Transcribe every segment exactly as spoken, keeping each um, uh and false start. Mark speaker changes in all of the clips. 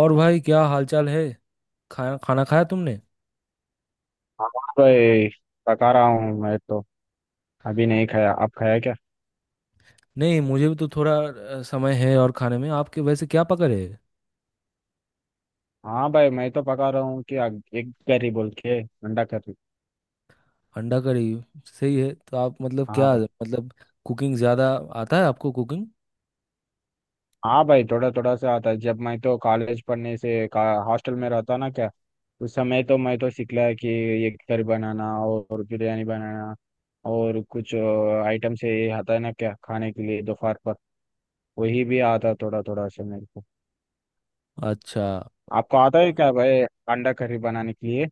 Speaker 1: और भाई क्या हालचाल है। खाना खाना खाया तुमने?
Speaker 2: हाँ भाई, पका रहा हूँ मैं तो। अभी नहीं खाया, आप खाया क्या?
Speaker 1: नहीं मुझे भी तो थोड़ा अ, समय है। और खाने में आपके वैसे क्या पकड़ है?
Speaker 2: हाँ भाई, मैं तो पका रहा हूँ कि एक करी बोल के, अंडा करी।
Speaker 1: अंडा करी सही है। तो आप मतलब
Speaker 2: हाँ
Speaker 1: क्या
Speaker 2: भाई।
Speaker 1: मतलब कुकिंग ज़्यादा आता है आपको कुकिंग?
Speaker 2: हाँ भाई, थोड़ा थोड़ा सा आता है। जब मैं तो कॉलेज पढ़ने से का हॉस्टल में रहता ना क्या, उस समय तो मैं तो सीख लिया कि ये करी बनाना और बिरयानी बनाना और कुछ आइटम से ये आता है ना क्या, खाने के लिए दोपहर पर। वही भी आता थोड़ा थोड़ा सा मेरे को।
Speaker 1: अच्छा।
Speaker 2: आपको आता है क्या भाई, अंडा करी बनाने के लिए?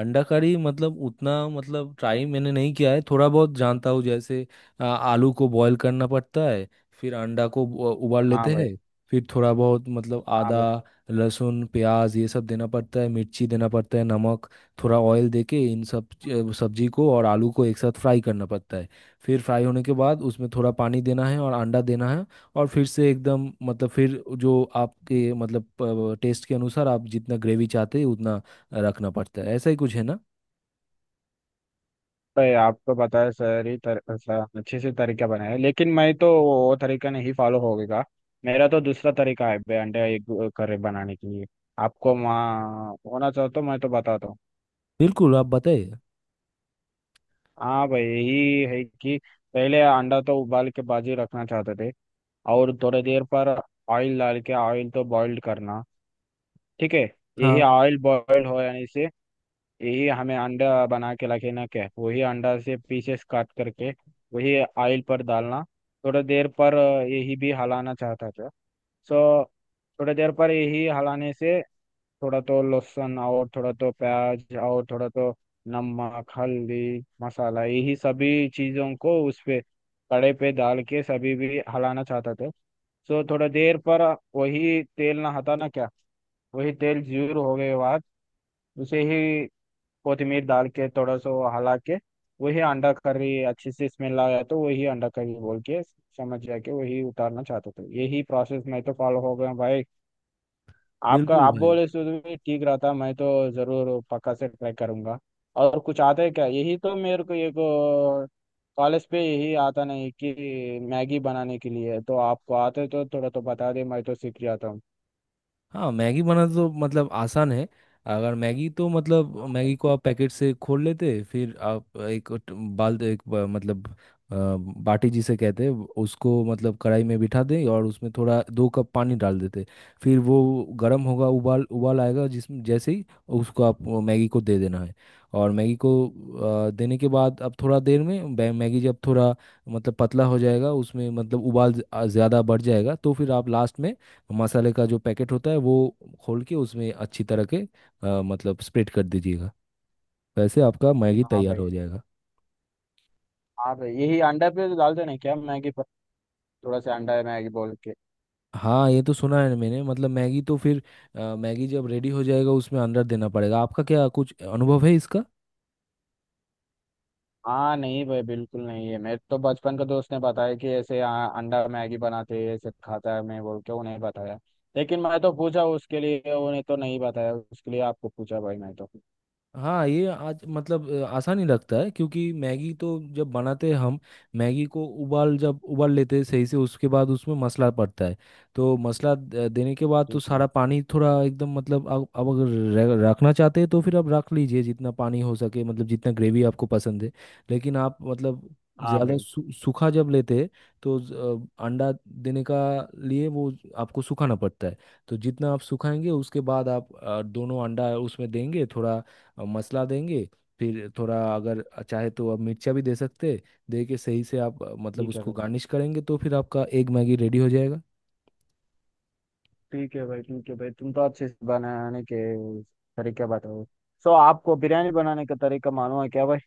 Speaker 1: अंडा करी मतलब उतना मतलब ट्राई मैंने नहीं किया है, थोड़ा बहुत जानता हूँ। जैसे आ, आलू को बॉईल करना पड़ता है। फिर अंडा को उ- उबाल
Speaker 2: हाँ
Speaker 1: लेते
Speaker 2: भाई।
Speaker 1: हैं। फिर थोड़ा बहुत मतलब
Speaker 2: हाँ
Speaker 1: आदा,
Speaker 2: भाई।
Speaker 1: लहसुन, प्याज ये सब देना पड़ता है। मिर्ची देना पड़ता है, नमक। थोड़ा ऑयल देके इन सब च- सब्जी को और आलू को एक साथ फ्राई करना पड़ता है। फिर फ्राई होने के बाद उसमें थोड़ा पानी देना है और अंडा देना है। और फिर से एकदम मतलब फिर जो आपके मतलब टेस्ट के अनुसार आप जितना ग्रेवी चाहते हैं उतना रखना पड़ता है। ऐसा ही कुछ है ना।
Speaker 2: भाई, आपको बताया सर ही तर, सर, अच्छे से तरीका बनाया है, लेकिन मैं तो वो तरीका नहीं फॉलो होगा। मेरा तो दूसरा तरीका है बे, अंडे एग करी बनाने के लिए। आपको वहाँ होना चाहो तो मैं तो बताता हूँ।
Speaker 1: बिल्कुल आप बताइए।
Speaker 2: हाँ भाई, यही है कि पहले अंडा तो उबाल के बाजी रखना चाहते थे। और थोड़ी देर पर ऑयल डाल के ऑयल तो बॉइल्ड करना। ठीक है। यही
Speaker 1: हाँ,
Speaker 2: ऑयल बॉइल्ड हो जाने से यही हमें अंडा बना के रखना क्या है? वही अंडा से पीसेस काट करके वही ऑयल पर डालना। थोड़ा देर पर अ, यही भी हलाना चाहता था। सो थोड़ा देर पर यही हलाने से, थोड़ा तो लहसुन और थोड़ा तो प्याज और थोड़ा तो नमक, हल्दी, मसाला, यही सभी चीज़ों को उस पे कड़े पे डाल के सभी भी हलाना चाहता था। सो थोड़ा देर पर वही तेल ना हटाना क्या। वही तेल ज्यूर हो गए बाद उसे ही कोथिमीर डाल के थोड़ा सा हला के, वही अंडा करी अच्छी सी स्मेल आया तो वही अंडा करी बोल के समझ जाके वही उतारना चाहता था। यही प्रोसेस मैं तो फॉलो हो गया भाई। आपका
Speaker 1: बिल्कुल
Speaker 2: आप
Speaker 1: भाई।
Speaker 2: बोले सो भी ठीक रहा था, मैं तो जरूर पक्का से ट्राई करूंगा। और कुछ आता है क्या? यही तो मेरे को एक, कॉलेज पे यही आता नहीं कि मैगी बनाने के लिए तो आपको आते तो थोड़ा तो बता दे, मैं तो सीख जाता हूँ।
Speaker 1: हाँ, मैगी बनाना तो मतलब आसान है। अगर मैगी तो मतलब
Speaker 2: हाँ
Speaker 1: मैगी
Speaker 2: भाई।
Speaker 1: को आप पैकेट से खोल लेते, फिर आप एक ट- बाल एक ब- मतलब अ, बाटी जिसे कहते हैं उसको मतलब कढ़ाई में बिठा दें और उसमें थोड़ा दो कप पानी डाल देते। फिर वो गर्म होगा, उबाल उबाल आएगा जिसमें जैसे ही उसको आप वो मैगी को दे देना है। और मैगी को अ, देने के बाद अब थोड़ा देर में बै- मैगी जब थोड़ा मतलब पतला हो जाएगा उसमें मतलब उबाल ज़्यादा बढ़ जाएगा तो फिर आप लास्ट में मसाले का जो पैकेट होता है वो खोल के उसमें अच्छी तरह के अ, मतलब स्प्रेड कर दीजिएगा। वैसे आपका मैगी
Speaker 2: हाँ
Speaker 1: तैयार
Speaker 2: भाई।
Speaker 1: हो जाएगा।
Speaker 2: हाँ भाई, यही अंडा पे तो डालते नहीं क्या मैगी पर? थोड़ा सा अंडा है मैगी बोल के।
Speaker 1: हाँ, ये तो सुना है मैंने मतलब मैगी तो फिर अ, मैगी जब रेडी हो जाएगा उसमें अंदर देना पड़ेगा। आपका क्या कुछ अनुभव है इसका?
Speaker 2: हाँ नहीं भाई, बिल्कुल नहीं है। मेरे तो बचपन का दोस्त ने बताया कि ऐसे आ, अंडा मैगी बनाते हैं, ऐसे खाता है मैं बोल के उन्हें बताया। लेकिन मैं तो पूछा उसके लिए, उन्हें तो नहीं बताया उसके लिए, आपको पूछा भाई मैं तो।
Speaker 1: हाँ, ये आज मतलब अ, आसानी लगता है, क्योंकि मैगी तो जब बनाते हैं हम, मैगी को उबाल जब उबाल लेते हैं सही से उसके बाद उसमें मसाला पड़ता है। तो मसाला द- देने के बाद तो
Speaker 2: ठीक
Speaker 1: सारा
Speaker 2: है।
Speaker 1: पानी थोड़ा एकदम मतलब आप आप अगर रह- रखना चाहते हैं तो फिर आप रख लीजिए जितना पानी हो सके मतलब जितना ग्रेवी आपको पसंद है। लेकिन आप मतलब
Speaker 2: हाँ
Speaker 1: ज़्यादा
Speaker 2: भाई।
Speaker 1: सू- सूखा जब लेते हैं, तो ज- अ, अंडा देने का लिए वो आपको सुखाना पड़ता है। तो जितना आप सुखाएंगे उसके बाद आप अ, दोनों अंडा उसमें देंगे थोड़ा और मसला देंगे। फिर थोड़ा अगर चाहे तो आप मिर्चा भी दे सकते, दे के सही से आप अ, मतलब
Speaker 2: ठीक है
Speaker 1: उसको
Speaker 2: भाई।
Speaker 1: गार्निश करेंगे तो फिर आपका एग मैगी रेडी हो जाएगा।
Speaker 2: ठीक है भाई। ठीक है भाई, तुम तो अच्छे से बनाने के तरीके बताओ। सो आपको बिरयानी बनाने का तरीका मालूम है क्या भाई?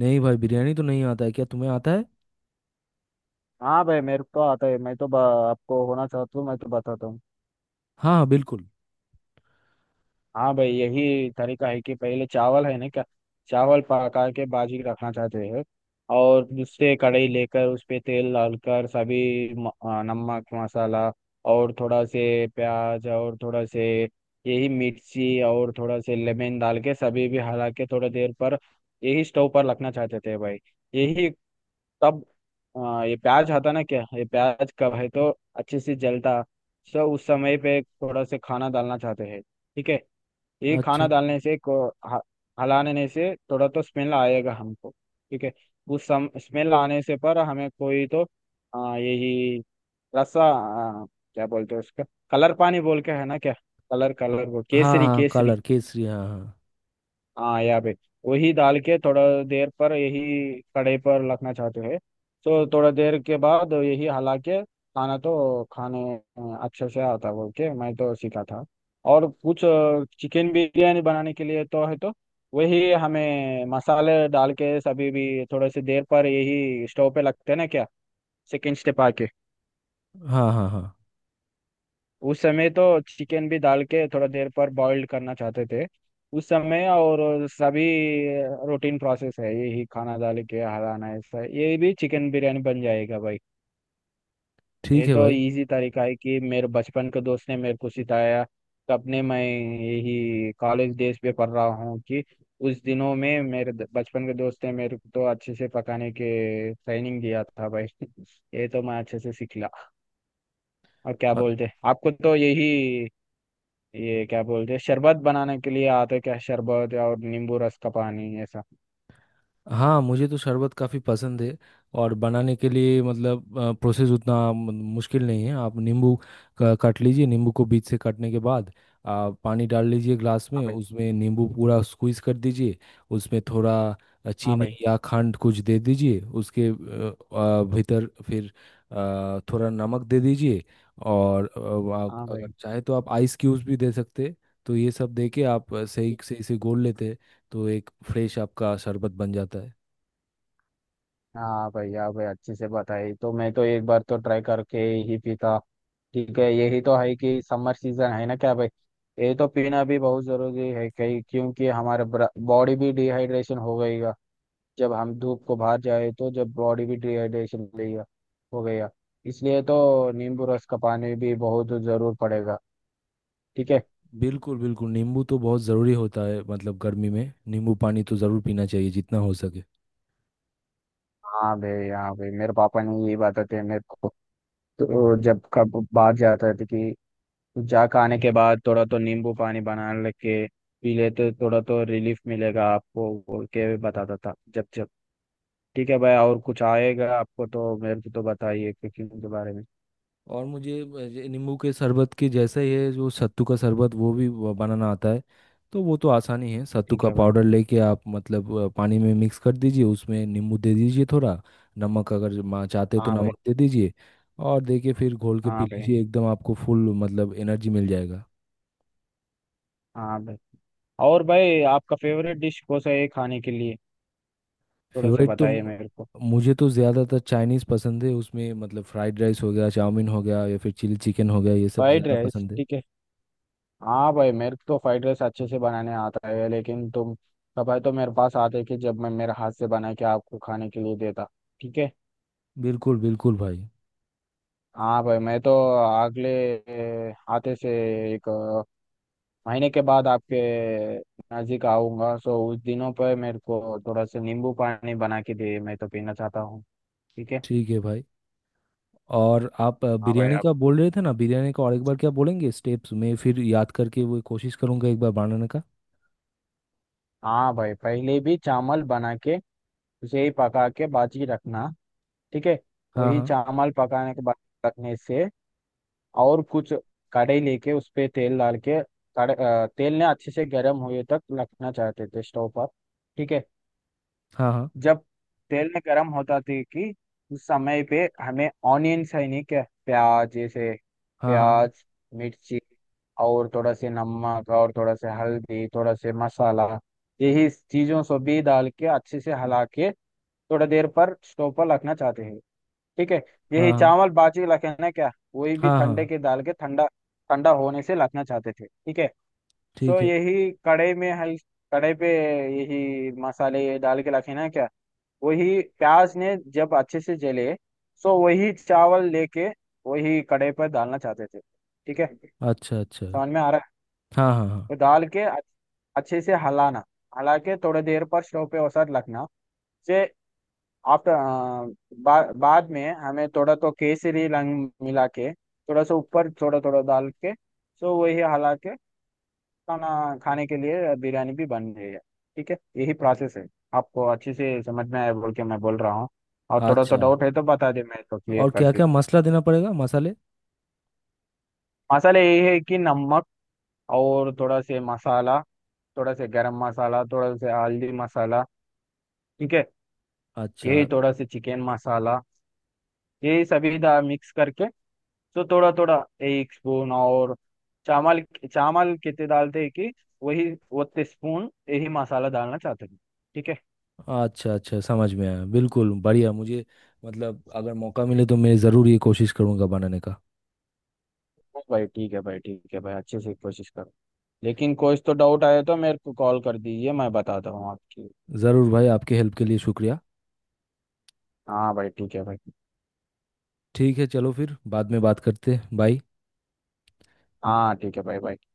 Speaker 1: नहीं भाई, बिरयानी तो नहीं आता है। क्या तुम्हें आता है?
Speaker 2: हाँ भाई, मेरे को आता है। मैं तो ब- आपको होना चाहता हूँ, मैं तो बताता हूँ।
Speaker 1: हाँ हाँ बिल्कुल।
Speaker 2: हाँ भाई, यही तरीका है कि पहले चावल है ना क्या, चावल पका के बाजी रखना चाहते हैं। और उससे कढ़ाई लेकर उस पे तेल डालकर सभी म- आ, नमक, मसाला और थोड़ा से प्याज और थोड़ा से यही मिर्ची और थोड़ा से लेमन डाल के सभी भी हला के थोड़ा देर पर यही स्टोव पर रखना चाहते थे भाई। यही तब आ, ये प्याज आता ना क्या, ये प्याज कब है तो अच्छे से जलता। सो उस समय पे थोड़ा से खाना डालना चाहते हैं। ठीक है। ये खाना
Speaker 1: अच्छा।
Speaker 2: डालने से को ह- हलाने से थोड़ा तो स्मेल आएगा हमको। ठीक है। उस सम स्मेल आने से पर हमें कोई तो आ, यही रसा आ, क्या बोलते हैं उसका? कलर पानी बोल के है ना क्या, कलर, कलर वो,
Speaker 1: हाँ
Speaker 2: केसरी
Speaker 1: हाँ,
Speaker 2: केसरी।
Speaker 1: कलर केसरी, हाँ हाँ।
Speaker 2: हाँ, यहाँ पे वही डाल के थोड़ा देर पर यही कढ़ाई पर रखना चाहते हैं। तो थोड़ा देर के बाद यही हला के खाना तो खाने अ, अच्छे से आता बोल के मैं तो सीखा था। और कुछ चिकन बिरयानी बनाने के लिए तो है तो वही हमें मसाले डाल के सभी भी थोड़े से देर पर यही स्टोव पे लगते हैं ना क्या, सेकंड स्टेप आके।
Speaker 1: हाँ हाँ हाँ।
Speaker 2: उस समय तो चिकन भी डाल के थोड़ा देर पर बॉइल्ड करना चाहते थे। उस समय और सभी रूटीन प्रोसेस है, यही खाना डाल के हराना, ऐसा ये भी चिकन बिरयानी बन जाएगा भाई।
Speaker 1: ठीक
Speaker 2: ये
Speaker 1: है
Speaker 2: तो
Speaker 1: भाई।
Speaker 2: इजी तरीका है कि मेरे बचपन के दोस्त ने मेरे को सिखाया। तो अपने मैं यही कॉलेज डेज पे पढ़ रहा हूँ कि उस दिनों में मेरे द- बचपन के दोस्त ने मेरे को तो अच्छे से पकाने के ट्रेनिंग दिया था भाई। ये तो मैं अच्छे से सीख लिया। और क्या बोलते आपको तो यही, ये क्या बोलते हैं शरबत बनाने के लिए आते क्या, शरबत और नींबू रस का पानी ऐसा?
Speaker 1: हाँ, मुझे तो शरबत काफ़ी पसंद है। और बनाने के लिए मतलब प्रोसेस उतना मु- मुश्किल नहीं है। आप नींबू का- काट लीजिए, नींबू को बीच से काटने के बाद आप पानी डाल लीजिए ग्लास
Speaker 2: हाँ
Speaker 1: में,
Speaker 2: भाई।
Speaker 1: उसमें नींबू पूरा स्क्वीज कर दीजिए। उसमें थोड़ा अ,
Speaker 2: हाँ
Speaker 1: चीनी
Speaker 2: भाई।
Speaker 1: या खंड कुछ दे दीजिए उसके अ, अ, भीतर। फिर अ, थोड़ा नमक दे दीजिए। और अ, वा-
Speaker 2: हाँ
Speaker 1: अगर
Speaker 2: भाई।
Speaker 1: चाहे तो आप आइस क्यूब्स भी दे सकते हैं। तो ये सब दे के आप अ, सही
Speaker 2: ठीक।
Speaker 1: सही से घोल लेते हैं। तो एक फ्रेश आपका शरबत बन जाता है।
Speaker 2: हाँ भाई। हाँ भाई, अच्छे से बताई तो मैं तो एक बार तो ट्राई करके ही पीता। ठीक है। यही तो है कि समर सीजन है ना क्या भाई, ये तो पीना भी बहुत जरूरी है कहीं, क्योंकि हमारे बॉडी भी डिहाइड्रेशन हो गईगा। जब हम धूप को बाहर जाए तो जब बॉडी भी डिहाइड्रेशन हो गई, हो गया। इसलिए तो नींबू रस का पानी भी बहुत जरूर पड़ेगा। ठीक है।
Speaker 1: बिल्कुल बिल्कुल, नींबू तो बहुत ज़रूरी होता है मतलब गर्मी में नींबू पानी तो ज़रूर पीना चाहिए जितना हो सके।
Speaker 2: हाँ भाई। हाँ भाई, मेरे पापा ने यही बताते हैं मेरे को। तो जब कब बाहर जाता था कि जा के आने के बाद थोड़ा तो नींबू पानी बना लेके पी लेते, थोड़ा तो रिलीफ मिलेगा आपको बोल के बताता था जब जब। ठीक है भाई। और कुछ आएगा आपको तो मेरे को तो बताइए कुकिंग के बारे में।
Speaker 1: और मुझे अ, ये नींबू के शरबत के जैसा ही है जो सत्तू का शरबत वो भी ब- बनाना आता है। तो वो तो आसानी है, सत्तू
Speaker 2: ठीक
Speaker 1: का
Speaker 2: है भाई।
Speaker 1: पाउडर लेके आप मतलब अ, पानी में मिक्स कर दीजिए, उसमें नींबू दे दीजिए थोड़ा नमक, अगर मा- चाहते तो
Speaker 2: हाँ भाई।
Speaker 1: नमक दे दीजिए। और देखिए फिर घोल के पी
Speaker 2: हाँ भाई।
Speaker 1: लीजिए एकदम आपको फुल मतलब एनर्जी मिल जाएगा।
Speaker 2: हाँ भाई। और भाई, आपका फेवरेट डिश कौन सा है खाने के लिए? थोड़ा सा
Speaker 1: फेवरेट तो
Speaker 2: बताइए
Speaker 1: म-
Speaker 2: मेरे को।
Speaker 1: मुझे तो ज़्यादातर चाइनीज़ पसंद है, उसमें मतलब फ्राइड राइस हो गया, चाउमीन हो गया, या फिर चिली चिकन हो गया, ये सब
Speaker 2: फ्राइड
Speaker 1: ज़्यादा
Speaker 2: राइस,
Speaker 1: पसंद है।
Speaker 2: ठीक है। हाँ भाई, मेरे को तो फ्राइड राइस अच्छे से बनाने आता है। लेकिन तुम कभी तो मेरे पास आते कि जब मैं मेरे हाथ से बना के आपको खाने के लिए देता। ठीक है।
Speaker 1: बिल्कुल बिल्कुल भाई।
Speaker 2: हाँ भाई, मैं तो अगले, ए, आते से एक अ, महीने के बाद आपके नज़दीक आऊंगा। सो उस दिनों पर मेरे को थोड़ा सा नींबू पानी बना के दे, मैं तो पीना चाहता हूँ। ठीक है।
Speaker 1: ठीक है भाई। और आप अ,
Speaker 2: हाँ भाई।
Speaker 1: बिरयानी
Speaker 2: आप,
Speaker 1: का बोल रहे थे ना, बिरयानी का और एक बार क्या बोलेंगे स्टेप्स में? फिर याद करके वो कोशिश करूंगा एक बार बनाने का।
Speaker 2: हाँ भाई, पहले भी चावल बना के उसे ही पका के बाजी रखना। ठीक है।
Speaker 1: हाँ
Speaker 2: वही
Speaker 1: हाँ
Speaker 2: चावल पकाने के बाद रखने से, और कुछ कढ़ाई लेके उस पे तेल डाल के कढ़- अ, तेल ने अच्छे से गर्म हुए तक रखना चाहते थे स्टोव पर। ठीक है।
Speaker 1: हाँ।
Speaker 2: जब तेल ने गर्म होता थे कि उस समय पे हमें ऑनियंस है नहीं क्या, प्याज जैसे,
Speaker 1: हाँ हाँ हाँ।
Speaker 2: प्याज, मिर्ची और थोड़ा से नमक और थोड़ा से हल्दी, थोड़ा से मसाला, यही चीजों से भी डाल के अच्छे से हला के थोड़ा देर पर स्टोव पर रखना चाहते हैं। ठीक है।
Speaker 1: हाँ
Speaker 2: यही
Speaker 1: हाँ
Speaker 2: चावल बाजी लखना क्या, वही भी
Speaker 1: हाँ। हाँ
Speaker 2: ठंडे
Speaker 1: हाँ,
Speaker 2: के दाल के ठंडा, ठंडा होने से लखना चाहते थे। ठीक है। सो
Speaker 1: ठीक है।
Speaker 2: यही कड़े में है, कड़े पे यही मसाले डाल के लखना क्या, वही प्याज ने जब अच्छे से जले, सो वही चावल लेके वही कड़े पर डालना चाहते थे। ठीक है।
Speaker 1: अच्छा अच्छा।
Speaker 2: समझ में आ रहा है?
Speaker 1: हाँ हाँ हाँ।
Speaker 2: तो डाल के अच्छे से हलाना, हला के थोड़ी देर पर स्टोव पे वसात रखना से आफ्टर, बा, बाद में हमें थोड़ा तो केसरी रंग मिला के थोड़ा सा ऊपर थोड़ा थोड़ा डाल के सो वही हला के खाना, खाने के लिए बिरयानी भी बन गई है। ठीक है, यही प्रोसेस है। आपको अच्छे से समझ में आया बोल के मैं बोल रहा हूँ। और थोड़ा तो
Speaker 1: अच्छा,
Speaker 2: डाउट है तो बता दे, मैं तो क्लियर
Speaker 1: और
Speaker 2: कर
Speaker 1: क्या
Speaker 2: दी।
Speaker 1: क्या मसाला देना पड़ेगा मसाले?
Speaker 2: मसाले यही है कि नमक और थोड़ा से मसाला, थोड़ा से गरम मसाला, थोड़ा से हल्दी मसाला। ठीक है।
Speaker 1: अच्छा।
Speaker 2: यही थोड़ा से चिकन मसाला, यही सभी दा मिक्स करके तो थोड़ा थोड़ा एक स्पून, और चावल, चावल कितने डालते हैं कि वही उतने स्पून यही मसाला डालना चाहते हैं। ठीक है।
Speaker 1: अच्छा अच्छा समझ में आया, बिल्कुल बढ़िया मुझे मतलब अगर मौका मिले तो मैं ज़रूर ये कोशिश करूँगा बनाने का।
Speaker 2: हाँ भाई। ठीक है भाई। ठीक है भाई, अच्छे से कोशिश करो। लेकिन कुछ तो डाउट आया तो मेरे को कॉल कर दीजिए, मैं बताता हूँ आपकी।
Speaker 1: ज़रूर भाई, आपके हेल्प के लिए शुक्रिया।
Speaker 2: हाँ भाई, ठीक है भाई।
Speaker 1: ठीक है, चलो फिर बाद में बात करते हैं। बाय।
Speaker 2: हाँ ठीक है भाई, भाई।